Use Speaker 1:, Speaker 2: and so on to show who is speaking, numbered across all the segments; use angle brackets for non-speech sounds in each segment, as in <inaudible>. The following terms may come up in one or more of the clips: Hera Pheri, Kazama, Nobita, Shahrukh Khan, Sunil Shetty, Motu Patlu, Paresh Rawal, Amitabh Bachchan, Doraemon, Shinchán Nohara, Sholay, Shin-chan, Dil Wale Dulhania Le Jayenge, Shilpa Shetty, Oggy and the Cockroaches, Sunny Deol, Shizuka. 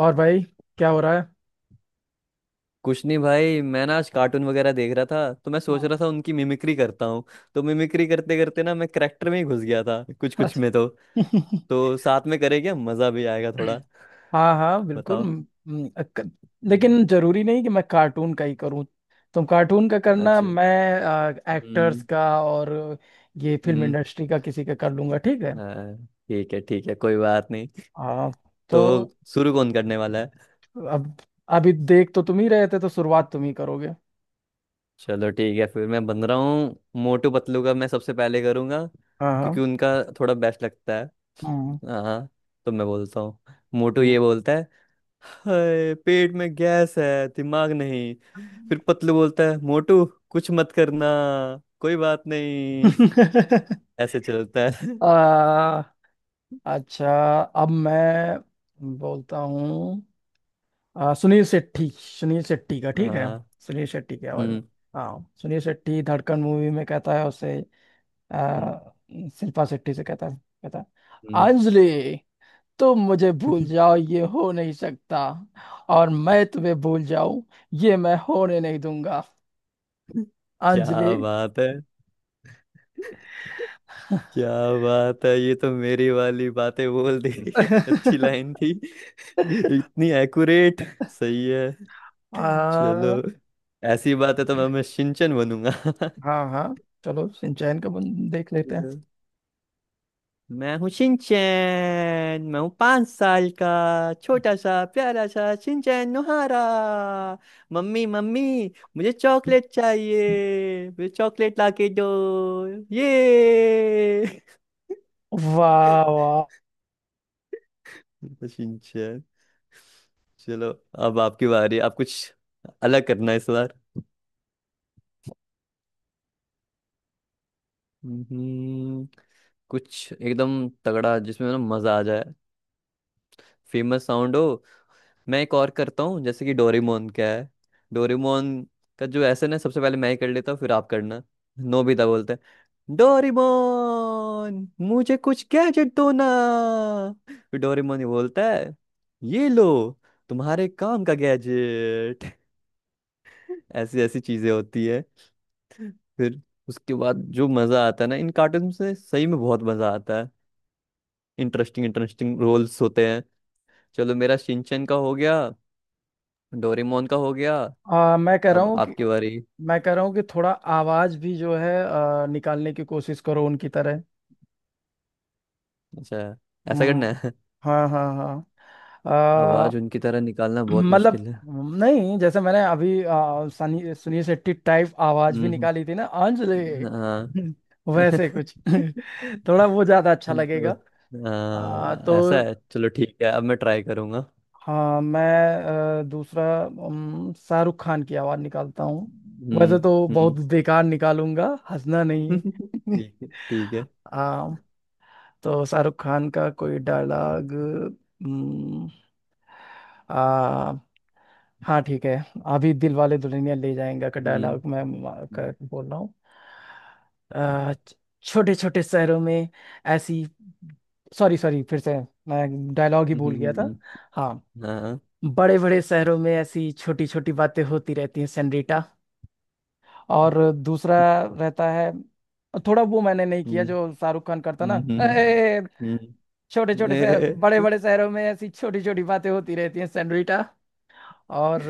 Speaker 1: और भाई, क्या हो रहा है?
Speaker 2: कुछ नहीं भाई, मैं ना आज कार्टून वगैरह देख रहा था, तो मैं सोच
Speaker 1: हाँ।
Speaker 2: रहा था उनकी मिमिक्री करता हूँ। तो मिमिक्री करते करते ना मैं करेक्टर में ही घुस गया था कुछ कुछ
Speaker 1: अच्छा।
Speaker 2: में। तो साथ में करेंगे, मजा भी आएगा थोड़ा।
Speaker 1: <laughs> हाँ हाँ बिल्कुल।
Speaker 2: बताओ। हम्म।
Speaker 1: लेकिन जरूरी नहीं कि मैं कार्टून का ही करूँ। तुम कार्टून का करना,
Speaker 2: अच्छा।
Speaker 1: मैं एक्टर्स
Speaker 2: हम्म।
Speaker 1: का। और ये फिल्म
Speaker 2: हम्म।
Speaker 1: इंडस्ट्री का किसी का कर लूंगा, ठीक है।
Speaker 2: हाँ। ठीक है, ठीक है, कोई बात नहीं।
Speaker 1: हाँ।
Speaker 2: तो
Speaker 1: तो
Speaker 2: शुरू कौन करने वाला है?
Speaker 1: अब अभी देख तो तुम ही रहे थे, तो शुरुआत तुम ही करोगे।
Speaker 2: चलो ठीक है, फिर मैं बन रहा हूँ। मोटू पतलू का मैं सबसे पहले करूँगा,
Speaker 1: हाँ हाँ
Speaker 2: क्योंकि उनका थोड़ा बेस्ट लगता है।
Speaker 1: हाँ
Speaker 2: हाँ, हाँ, तो मैं बोलता हूँ। मोटू
Speaker 1: हाँ।
Speaker 2: ये बोलता है, हाय पेट में गैस है दिमाग नहीं। फिर पतलू बोलता है, मोटू कुछ मत करना, कोई बात नहीं।
Speaker 1: <laughs>
Speaker 2: <laughs> ऐसे चलता है।
Speaker 1: आ, अच्छा, अब मैं बोलता हूँ। सुनील शेट्टी, सुनील शेट्टी का ठीक है।
Speaker 2: हाँ।
Speaker 1: सुनील शेट्टी की आवाज में।
Speaker 2: हम्म।
Speaker 1: हाँ, सुनील शेट्टी धड़कन मूवी में कहता है उसे।
Speaker 2: हम्म।
Speaker 1: आ, शिल्पा शेट्टी से कहता है, कहता है,
Speaker 2: हम्म।
Speaker 1: अंजलि, तुम मुझे भूल जाओ, ये हो नहीं सकता। और मैं तुम्हें भूल जाऊं, ये मैं होने नहीं दूंगा।
Speaker 2: <laughs> क्या
Speaker 1: अंजलि।
Speaker 2: बात है! क्या बात है, ये तो मेरी वाली बातें बोल दी। <laughs> अच्छी
Speaker 1: <laughs>
Speaker 2: लाइन थी। <laughs> इतनी एक्यूरेट! सही है। चलो,
Speaker 1: आ,
Speaker 2: ऐसी बात है तो मैं शिनचैन बनूंगा।
Speaker 1: हाँ हाँ, चलो सिंचैन का देख लेते हैं।
Speaker 2: <laughs> मैं हूँ शिनचैन, मैं हूँ 5 साल का छोटा सा प्यारा सा शिनचैन नोहारा। मम्मी मम्मी, मुझे चॉकलेट चाहिए, मुझे चॉकलेट लाके दो। ये।
Speaker 1: वाह वाह।
Speaker 2: <laughs> तो शिनचैन। चलो, अब आपकी बारी। आप कुछ अलग करना है इस बार। हम्म, कुछ एकदम तगड़ा जिसमें ना मजा आ जाए, फेमस साउंड हो। मैं एक और करता हूँ, जैसे कि डोरेमोन क्या है। डोरेमोन का जो ऐसे ना, सबसे पहले मैं ही कर लेता हूँ, फिर आप करना। नोबिता बोलते हैं, डोरेमोन मुझे कुछ गैजेट दो ना। फिर डोरेमोन ही बोलता है, ये लो तुम्हारे काम का गैजेट। <laughs> ऐसी ऐसी चीजें होती है। फिर उसके बाद जो मजा आता है ना, इन कार्टून से सही में बहुत मजा आता है। इंटरेस्टिंग इंटरेस्टिंग रोल्स होते हैं। चलो, मेरा शिनचैन का हो गया, डोरेमोन का हो गया।
Speaker 1: आ, मैं कह रहा
Speaker 2: अब
Speaker 1: हूँ कि
Speaker 2: आपकी बारी।
Speaker 1: मैं कह रहा हूँ कि थोड़ा आवाज भी जो है निकालने की कोशिश करो उनकी तरह।
Speaker 2: अच्छा। ऐसा करना
Speaker 1: हम्म।
Speaker 2: है?
Speaker 1: हाँ हाँ हाँ।
Speaker 2: आवाज उनकी तरह निकालना
Speaker 1: <clears throat>
Speaker 2: बहुत
Speaker 1: मतलब
Speaker 2: मुश्किल है।
Speaker 1: नहीं, जैसे मैंने अभी सनी सुनील शेट्टी टाइप आवाज भी
Speaker 2: हम्म।
Speaker 1: निकाली थी ना अंजलि।
Speaker 2: हाँ।
Speaker 1: <laughs> वैसे
Speaker 2: <laughs>
Speaker 1: कुछ <laughs> थोड़ा वो ज्यादा अच्छा
Speaker 2: तो,
Speaker 1: लगेगा।
Speaker 2: हाँ, ऐसा
Speaker 1: तो
Speaker 2: है, चलो ठीक है, अब मैं ट्राई करूंगा।
Speaker 1: हाँ, मैं दूसरा शाहरुख खान की आवाज निकालता हूँ। वैसे
Speaker 2: हम्म।
Speaker 1: तो
Speaker 2: हम्म।
Speaker 1: बहुत बेकार निकालूंगा। हंसना नहीं
Speaker 2: <laughs>
Speaker 1: है।
Speaker 2: ठीक है, ठीक है।
Speaker 1: <laughs> आ, तो शाहरुख खान का कोई डायलॉग। आ हाँ ठीक है। अभी दिल वाले दुल्हनिया ले जाएंगे का
Speaker 2: हम्म।
Speaker 1: डायलॉग मैं
Speaker 2: हम्म।
Speaker 1: का बोल रहा हूँ। आ, छोटे छोटे शहरों में ऐसी। सॉरी सॉरी, फिर से। मैं डायलॉग ही भूल
Speaker 2: हम्म।
Speaker 1: गया था।
Speaker 2: हम्म।
Speaker 1: हाँ।
Speaker 2: हाँ।
Speaker 1: बड़े बड़े शहरों में ऐसी छोटी छोटी बातें होती रहती हैं, सेनरीटा। और दूसरा रहता है, थोड़ा वो मैंने नहीं किया
Speaker 2: हम्म।
Speaker 1: जो शाहरुख खान करता ना।
Speaker 2: हम्म। हम्म।
Speaker 1: छोटे छोटे शहर, बड़े
Speaker 2: हम्म।
Speaker 1: बड़े
Speaker 2: <laughs>
Speaker 1: शहरों में ऐसी छोटी छोटी बातें होती रहती हैं, सैंडविटा। और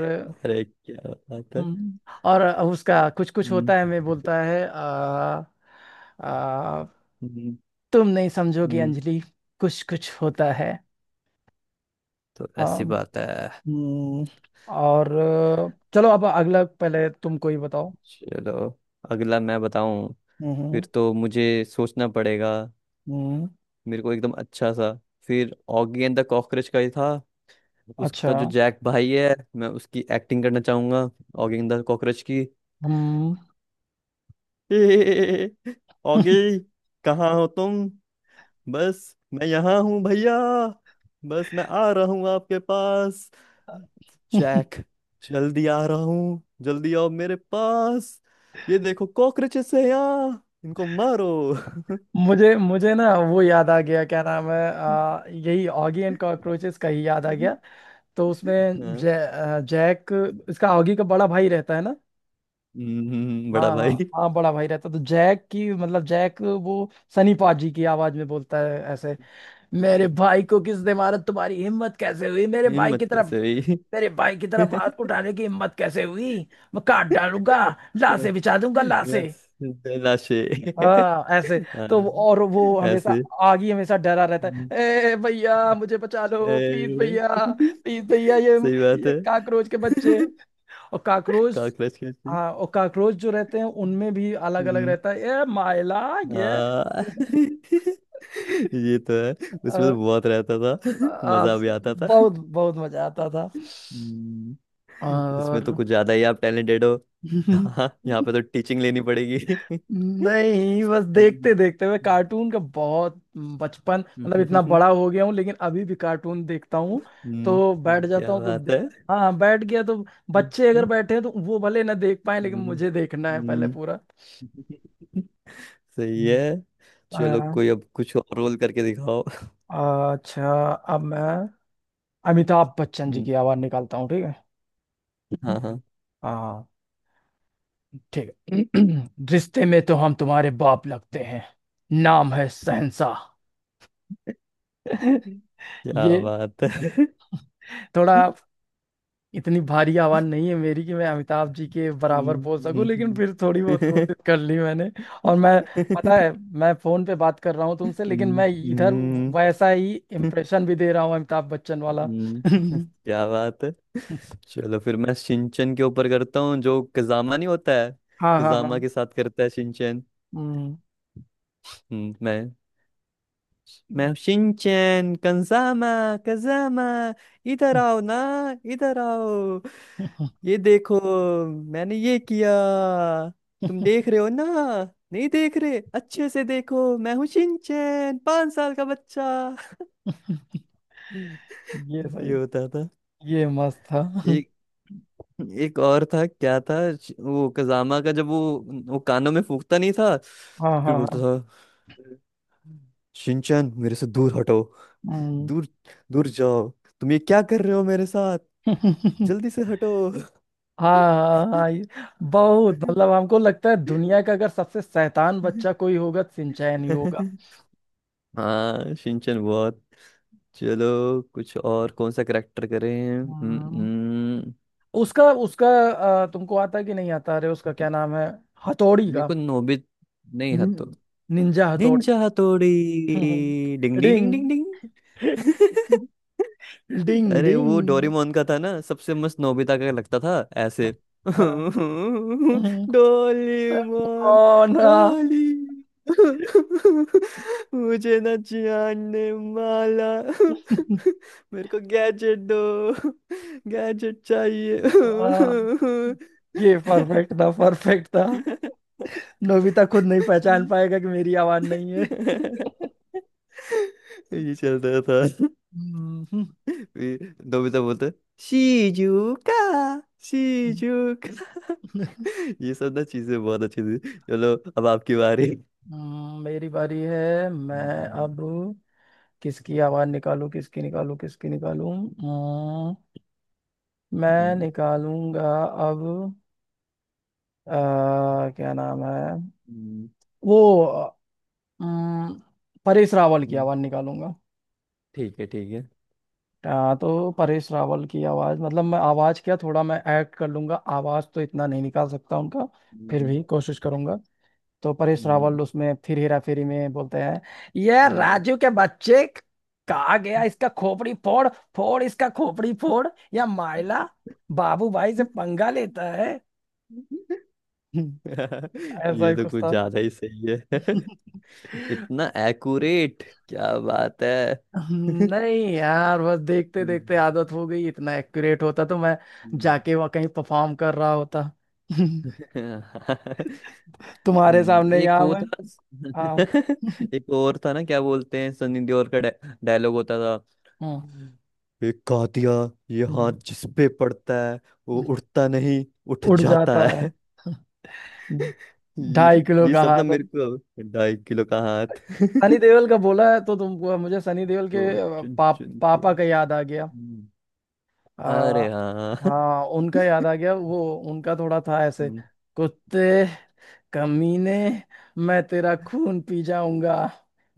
Speaker 2: अरे क्या बात है!
Speaker 1: हम्म, और उसका कुछ कुछ
Speaker 2: हम्म।
Speaker 1: होता है, मैं बोलता है। आ,
Speaker 2: हम्म।
Speaker 1: तुम नहीं समझोगी
Speaker 2: हम्म।
Speaker 1: अंजलि, कुछ कुछ होता है।
Speaker 2: तो
Speaker 1: आ,
Speaker 2: ऐसी बात है।
Speaker 1: हम्म, और चलो, अब अगला पहले तुम कोई बताओ।
Speaker 2: चलो, अगला मैं बताऊं।
Speaker 1: हम्म
Speaker 2: फिर तो मुझे सोचना पड़ेगा।
Speaker 1: हम्म।
Speaker 2: मेरे को एकदम अच्छा सा। फिर ऑगी एंड द कॉकरोच का ही था।
Speaker 1: अच्छा।
Speaker 2: उसका जो जैक भाई है, मैं उसकी एक्टिंग करना चाहूंगा। ऑगी एंड द कॉकरोच की।
Speaker 1: हम्म।
Speaker 2: <laughs> ऑगी, कहाँ हो तुम? बस मैं यहाँ हूँ भैया, बस मैं आ रहा हूँ आपके पास।
Speaker 1: <laughs>
Speaker 2: जैक जल्दी आ रहा हूँ, जल्दी आओ मेरे पास। ये देखो कॉकरोचेस है यहाँ, इनको मारो।
Speaker 1: मुझे मुझे ना वो याद आ गया, क्या नाम है, यही ऑगी एंड कॉकरोचेस का ही याद आ
Speaker 2: हाँ।
Speaker 1: गया। तो उसमें जैक, इसका ऑगी का बड़ा भाई रहता है ना।
Speaker 2: बड़ा
Speaker 1: हाँ हाँ।
Speaker 2: भाई।
Speaker 1: हाँ, बड़ा भाई रहता है, तो जैक की, मतलब जैक वो सनी पाजी की आवाज में बोलता है ऐसे। मेरे भाई को किसने मारा, तुम्हारी हिम्मत कैसे हुई मेरे भाई की
Speaker 2: हिम्मत
Speaker 1: तरफ,
Speaker 2: कैसे हुई!
Speaker 1: मेरे भाई की तरफ हाथ
Speaker 2: <laughs>
Speaker 1: उठाने की हिम्मत कैसे हुई। मैं काट डालूंगा, लाशें बिछा दूंगा, लाशें।
Speaker 2: बस। लाशे! <laughs>
Speaker 1: हाँ ऐसे।
Speaker 2: हाँ,
Speaker 1: और वो हमेशा,
Speaker 2: ऐसे।
Speaker 1: आगे हमेशा डरा रहता
Speaker 2: हम्म।
Speaker 1: है। ए भैया मुझे बचा लो, प्लीज
Speaker 2: ए!
Speaker 1: भैया।
Speaker 2: <laughs>
Speaker 1: प्लीज भैया
Speaker 2: सही बात
Speaker 1: ये
Speaker 2: है।
Speaker 1: काकरोच के बच्चे।
Speaker 2: <laughs>
Speaker 1: और काकरोच।
Speaker 2: काकरोच कैसी!
Speaker 1: हाँ, और काकरोच जो रहते हैं उनमें भी अलग अलग
Speaker 2: हम्म।
Speaker 1: रहता है, ये माइला, ये।
Speaker 2: हाँ।
Speaker 1: <laughs>
Speaker 2: <laughs> ये तो है, उसमें
Speaker 1: आ,
Speaker 2: तो बहुत रहता था। <laughs>
Speaker 1: आ,
Speaker 2: मजा भी आता था।
Speaker 1: बहुत बहुत मजा आता था।
Speaker 2: हम्म, इसमें
Speaker 1: और।
Speaker 2: तो कुछ ज्यादा ही आप टैलेंटेड हो।
Speaker 1: <laughs>
Speaker 2: हाँ, यहाँ पे तो टीचिंग लेनी पड़ेगी। <laughs>
Speaker 1: नहीं, बस देखते
Speaker 2: हम्म।
Speaker 1: देखते हुए कार्टून का बहुत बचपन,
Speaker 2: <laughs>
Speaker 1: मतलब इतना
Speaker 2: हम्म।
Speaker 1: बड़ा हो गया हूँ लेकिन अभी भी कार्टून देखता हूँ। तो बैठ जाता
Speaker 2: क्या
Speaker 1: हूँ तो
Speaker 2: बात है। <laughs> हम्म।
Speaker 1: हाँ, बैठ गया तो बच्चे अगर बैठे हैं तो वो भले ना देख पाए लेकिन
Speaker 2: हम्म।
Speaker 1: मुझे देखना है पहले
Speaker 2: हम्म।
Speaker 1: पूरा।
Speaker 2: सही है। चलो,
Speaker 1: हम्म।
Speaker 2: कोई अब कुछ और रोल करके दिखाओ। <laughs>
Speaker 1: अच्छा। अब मैं अमिताभ बच्चन जी
Speaker 2: हम्म।
Speaker 1: की आवाज निकालता हूँ, ठीक है।
Speaker 2: हाँ,
Speaker 1: हम्म।
Speaker 2: हाँ।
Speaker 1: हाँ ठीक है। <clears throat> रिश्ते में तो हम तुम्हारे बाप लगते हैं, नाम है शहंशाह। <laughs>
Speaker 2: क्या
Speaker 1: ये
Speaker 2: बात है। <laughs>
Speaker 1: थोड़ा, इतनी भारी आवाज नहीं है मेरी कि मैं अमिताभ जी के बराबर
Speaker 2: हम्म।
Speaker 1: बोल सकूं, लेकिन
Speaker 2: हम्म।
Speaker 1: फिर थोड़ी बहुत
Speaker 2: हम्म।
Speaker 1: कोशिश कर ली मैंने। और मैं, पता है, मैं फोन पे बात कर रहा हूँ तुमसे लेकिन मैं इधर
Speaker 2: हम्म।
Speaker 1: वैसा ही इम्प्रेशन भी दे रहा हूँ, अमिताभ बच्चन वाला।
Speaker 2: हम्म,
Speaker 1: <laughs>
Speaker 2: क्या बात है। चलो फिर मैं शिनचैन के ऊपर करता हूँ, जो कजामा नहीं होता है।
Speaker 1: हाँ हाँ हाँ।
Speaker 2: कजामा के साथ करता है शिनचैन। हम्म। मैं।
Speaker 1: हम्म।
Speaker 2: मैं शिनचैन। कंजामा, कंजामा, इधर आओ ना, इधर आओ।
Speaker 1: ये
Speaker 2: ये देखो मैंने ये किया, तुम देख रहे हो ना? नहीं देख रहे, अच्छे से देखो, मैं हूँ शिनचैन 5 साल का बच्चा। <laughs> ये
Speaker 1: सही,
Speaker 2: होता था।
Speaker 1: ये मस्त था।
Speaker 2: एक एक और था, क्या था, वो कजामा का, जब वो कानों में फूंकता नहीं था
Speaker 1: हाँ
Speaker 2: फिर
Speaker 1: हाँ
Speaker 2: बोलता
Speaker 1: हाँ।
Speaker 2: था, शिनचैन मेरे से दूर हटो,
Speaker 1: हम्म।
Speaker 2: दूर, दूर जाओ, तुम ये क्या कर रहे हो मेरे साथ, जल्दी से हटो।
Speaker 1: हाँ हाँ हाँ, ये बहुत, मतलब हमको लगता है दुनिया का अगर सबसे शैतान बच्चा
Speaker 2: <laughs>
Speaker 1: कोई होगा सिंचैन ही होगा।
Speaker 2: हाँ शिनचैन बहुत। चलो, कुछ और कौन सा करेक्टर करें? हम्म।
Speaker 1: हम्म।
Speaker 2: हम्म।
Speaker 1: उसका उसका तुमको आता है कि नहीं आता, अरे उसका क्या नाम है, हथौड़ी
Speaker 2: मेरे
Speaker 1: का।
Speaker 2: को नोबित नहीं,
Speaker 1: निन-
Speaker 2: हतो।
Speaker 1: निंजा हथौड़ी।
Speaker 2: निंजा हथौड़ी।
Speaker 1: हम्म।
Speaker 2: डिंग डिंग डिंग
Speaker 1: डिंग
Speaker 2: डिंग डिंग। <laughs>
Speaker 1: डिंग
Speaker 2: अरे
Speaker 1: डिंग।
Speaker 2: वो डोरेमोन का था ना सबसे मस्त, नोबिता का लगता था ऐसे।
Speaker 1: हाँ।
Speaker 2: <laughs>
Speaker 1: हाँ।
Speaker 2: डोरेमोन।
Speaker 1: कौन।
Speaker 2: डोली। <laughs> मुझे ना जानने वाला। <laughs> मेरे को गैजेट दो, गैजेट चाहिए।
Speaker 1: हाँ।
Speaker 2: <laughs>
Speaker 1: ये परफेक्ट था, परफेक्ट था। नोबिता खुद नहीं पहचान पाएगा कि मेरी आवाज नहीं है।
Speaker 2: ये चलता था। <laughs>
Speaker 1: हम्म।
Speaker 2: फिर नोबिता बोलता, शिजुका, शिजुका। ये सब ना चीजें बहुत अच्छी थी। चलो, अब आपकी बारी।
Speaker 1: मेरी बारी है। मैं
Speaker 2: हम्म।
Speaker 1: अब किसकी आवाज निकालूं, किसकी निकालूं, किसकी निकालूं। हम्म। मैं
Speaker 2: हम्म।
Speaker 1: निकालूंगा अब। क्या नाम है,
Speaker 2: हम्म।
Speaker 1: वो, हम्म, परेश रावल की
Speaker 2: हम्म।
Speaker 1: आवाज निकालूंगा।
Speaker 2: ठीक है, ठीक है। <laughs>
Speaker 1: तो परेश रावल की आवाज, मतलब मैं आवाज क्या, थोड़ा मैं एक्ट कर लूंगा, आवाज तो इतना नहीं निकाल सकता उनका। फिर
Speaker 2: हम्म।
Speaker 1: भी कोशिश करूंगा। तो परेश
Speaker 2: हम्म।
Speaker 1: रावल उसमें फिर हेरा फेरी में बोलते हैं, ये
Speaker 2: हम्म।
Speaker 1: राजू के बच्चे, कहा गया इसका खोपड़ी फोड़, फोड़ इसका खोपड़ी फोड़, या माइला, बाबू भाई से पंगा लेता है। <laughs> हम्म।
Speaker 2: <laughs>
Speaker 1: ऐसा
Speaker 2: ये
Speaker 1: ही
Speaker 2: तो
Speaker 1: कुछ
Speaker 2: कुछ
Speaker 1: था।
Speaker 2: ज्यादा ही सही है।
Speaker 1: <laughs>
Speaker 2: <laughs> इतना एक्यूरेट! क्या बात है।
Speaker 1: हम्म।
Speaker 2: <laughs>
Speaker 1: नहीं यार, बस देखते देखते
Speaker 2: हम्म।
Speaker 1: आदत हो गई, इतना एक्यूरेट होता तो मैं
Speaker 2: हम्म।
Speaker 1: जाके वहाँ कहीं परफॉर्म कर रहा होता। <laughs>
Speaker 2: <laughs>
Speaker 1: तुम्हारे सामने
Speaker 2: एक
Speaker 1: यहाँ
Speaker 2: वो
Speaker 1: मैं।
Speaker 2: था।
Speaker 1: हाँ।
Speaker 2: <laughs>
Speaker 1: <laughs>
Speaker 2: एक और था ना, क्या बोलते हैं सनी देओल का डायलॉग होता था,
Speaker 1: हम्म,
Speaker 2: एक कहा दिया ये हाथ जिस पे पड़ता है वो
Speaker 1: हम्म।
Speaker 2: उठता नहीं, उठ
Speaker 1: उड़
Speaker 2: जाता
Speaker 1: जाता
Speaker 2: है।
Speaker 1: है,
Speaker 2: <laughs> ये।
Speaker 1: ढाई किलो
Speaker 2: ये
Speaker 1: का
Speaker 2: सब ना
Speaker 1: हाथ।
Speaker 2: मेरे को, अब 2.5 किलो का हाथ।
Speaker 1: सनी
Speaker 2: <laughs>
Speaker 1: देओल का बोला है तो तुमको मुझे सनी देओल के
Speaker 2: वो चुन चुन के।
Speaker 1: पापा का याद आ गया।
Speaker 2: हम्म।
Speaker 1: आ,
Speaker 2: अरे हाँ।
Speaker 1: हाँ, उनका याद
Speaker 2: <laughs>
Speaker 1: आ गया वो। उनका थोड़ा था ऐसे। कुत्ते, कमीने, मैं तेरा खून पी जाऊंगा।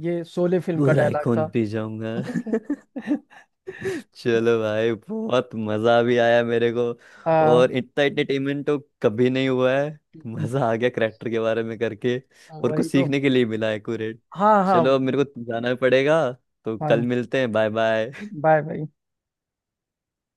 Speaker 1: ये शोले फिल्म का
Speaker 2: बुरा ही
Speaker 1: डायलॉग था।
Speaker 2: खून पी जाऊंगा। <laughs>
Speaker 1: <laughs>
Speaker 2: चलो भाई, बहुत मजा भी आया मेरे को,
Speaker 1: आ,
Speaker 2: और इतना एंटरटेनमेंट तो कभी नहीं हुआ है। मजा आ गया करेक्टर के बारे में करके, और कुछ
Speaker 1: वही तो।
Speaker 2: सीखने के लिए मिला है एक्यूरेट।
Speaker 1: हाँ हाँ
Speaker 2: चलो अब मेरे को जाना पड़ेगा, तो कल
Speaker 1: हाँ।
Speaker 2: मिलते हैं, बाय बाय।
Speaker 1: Bye bye.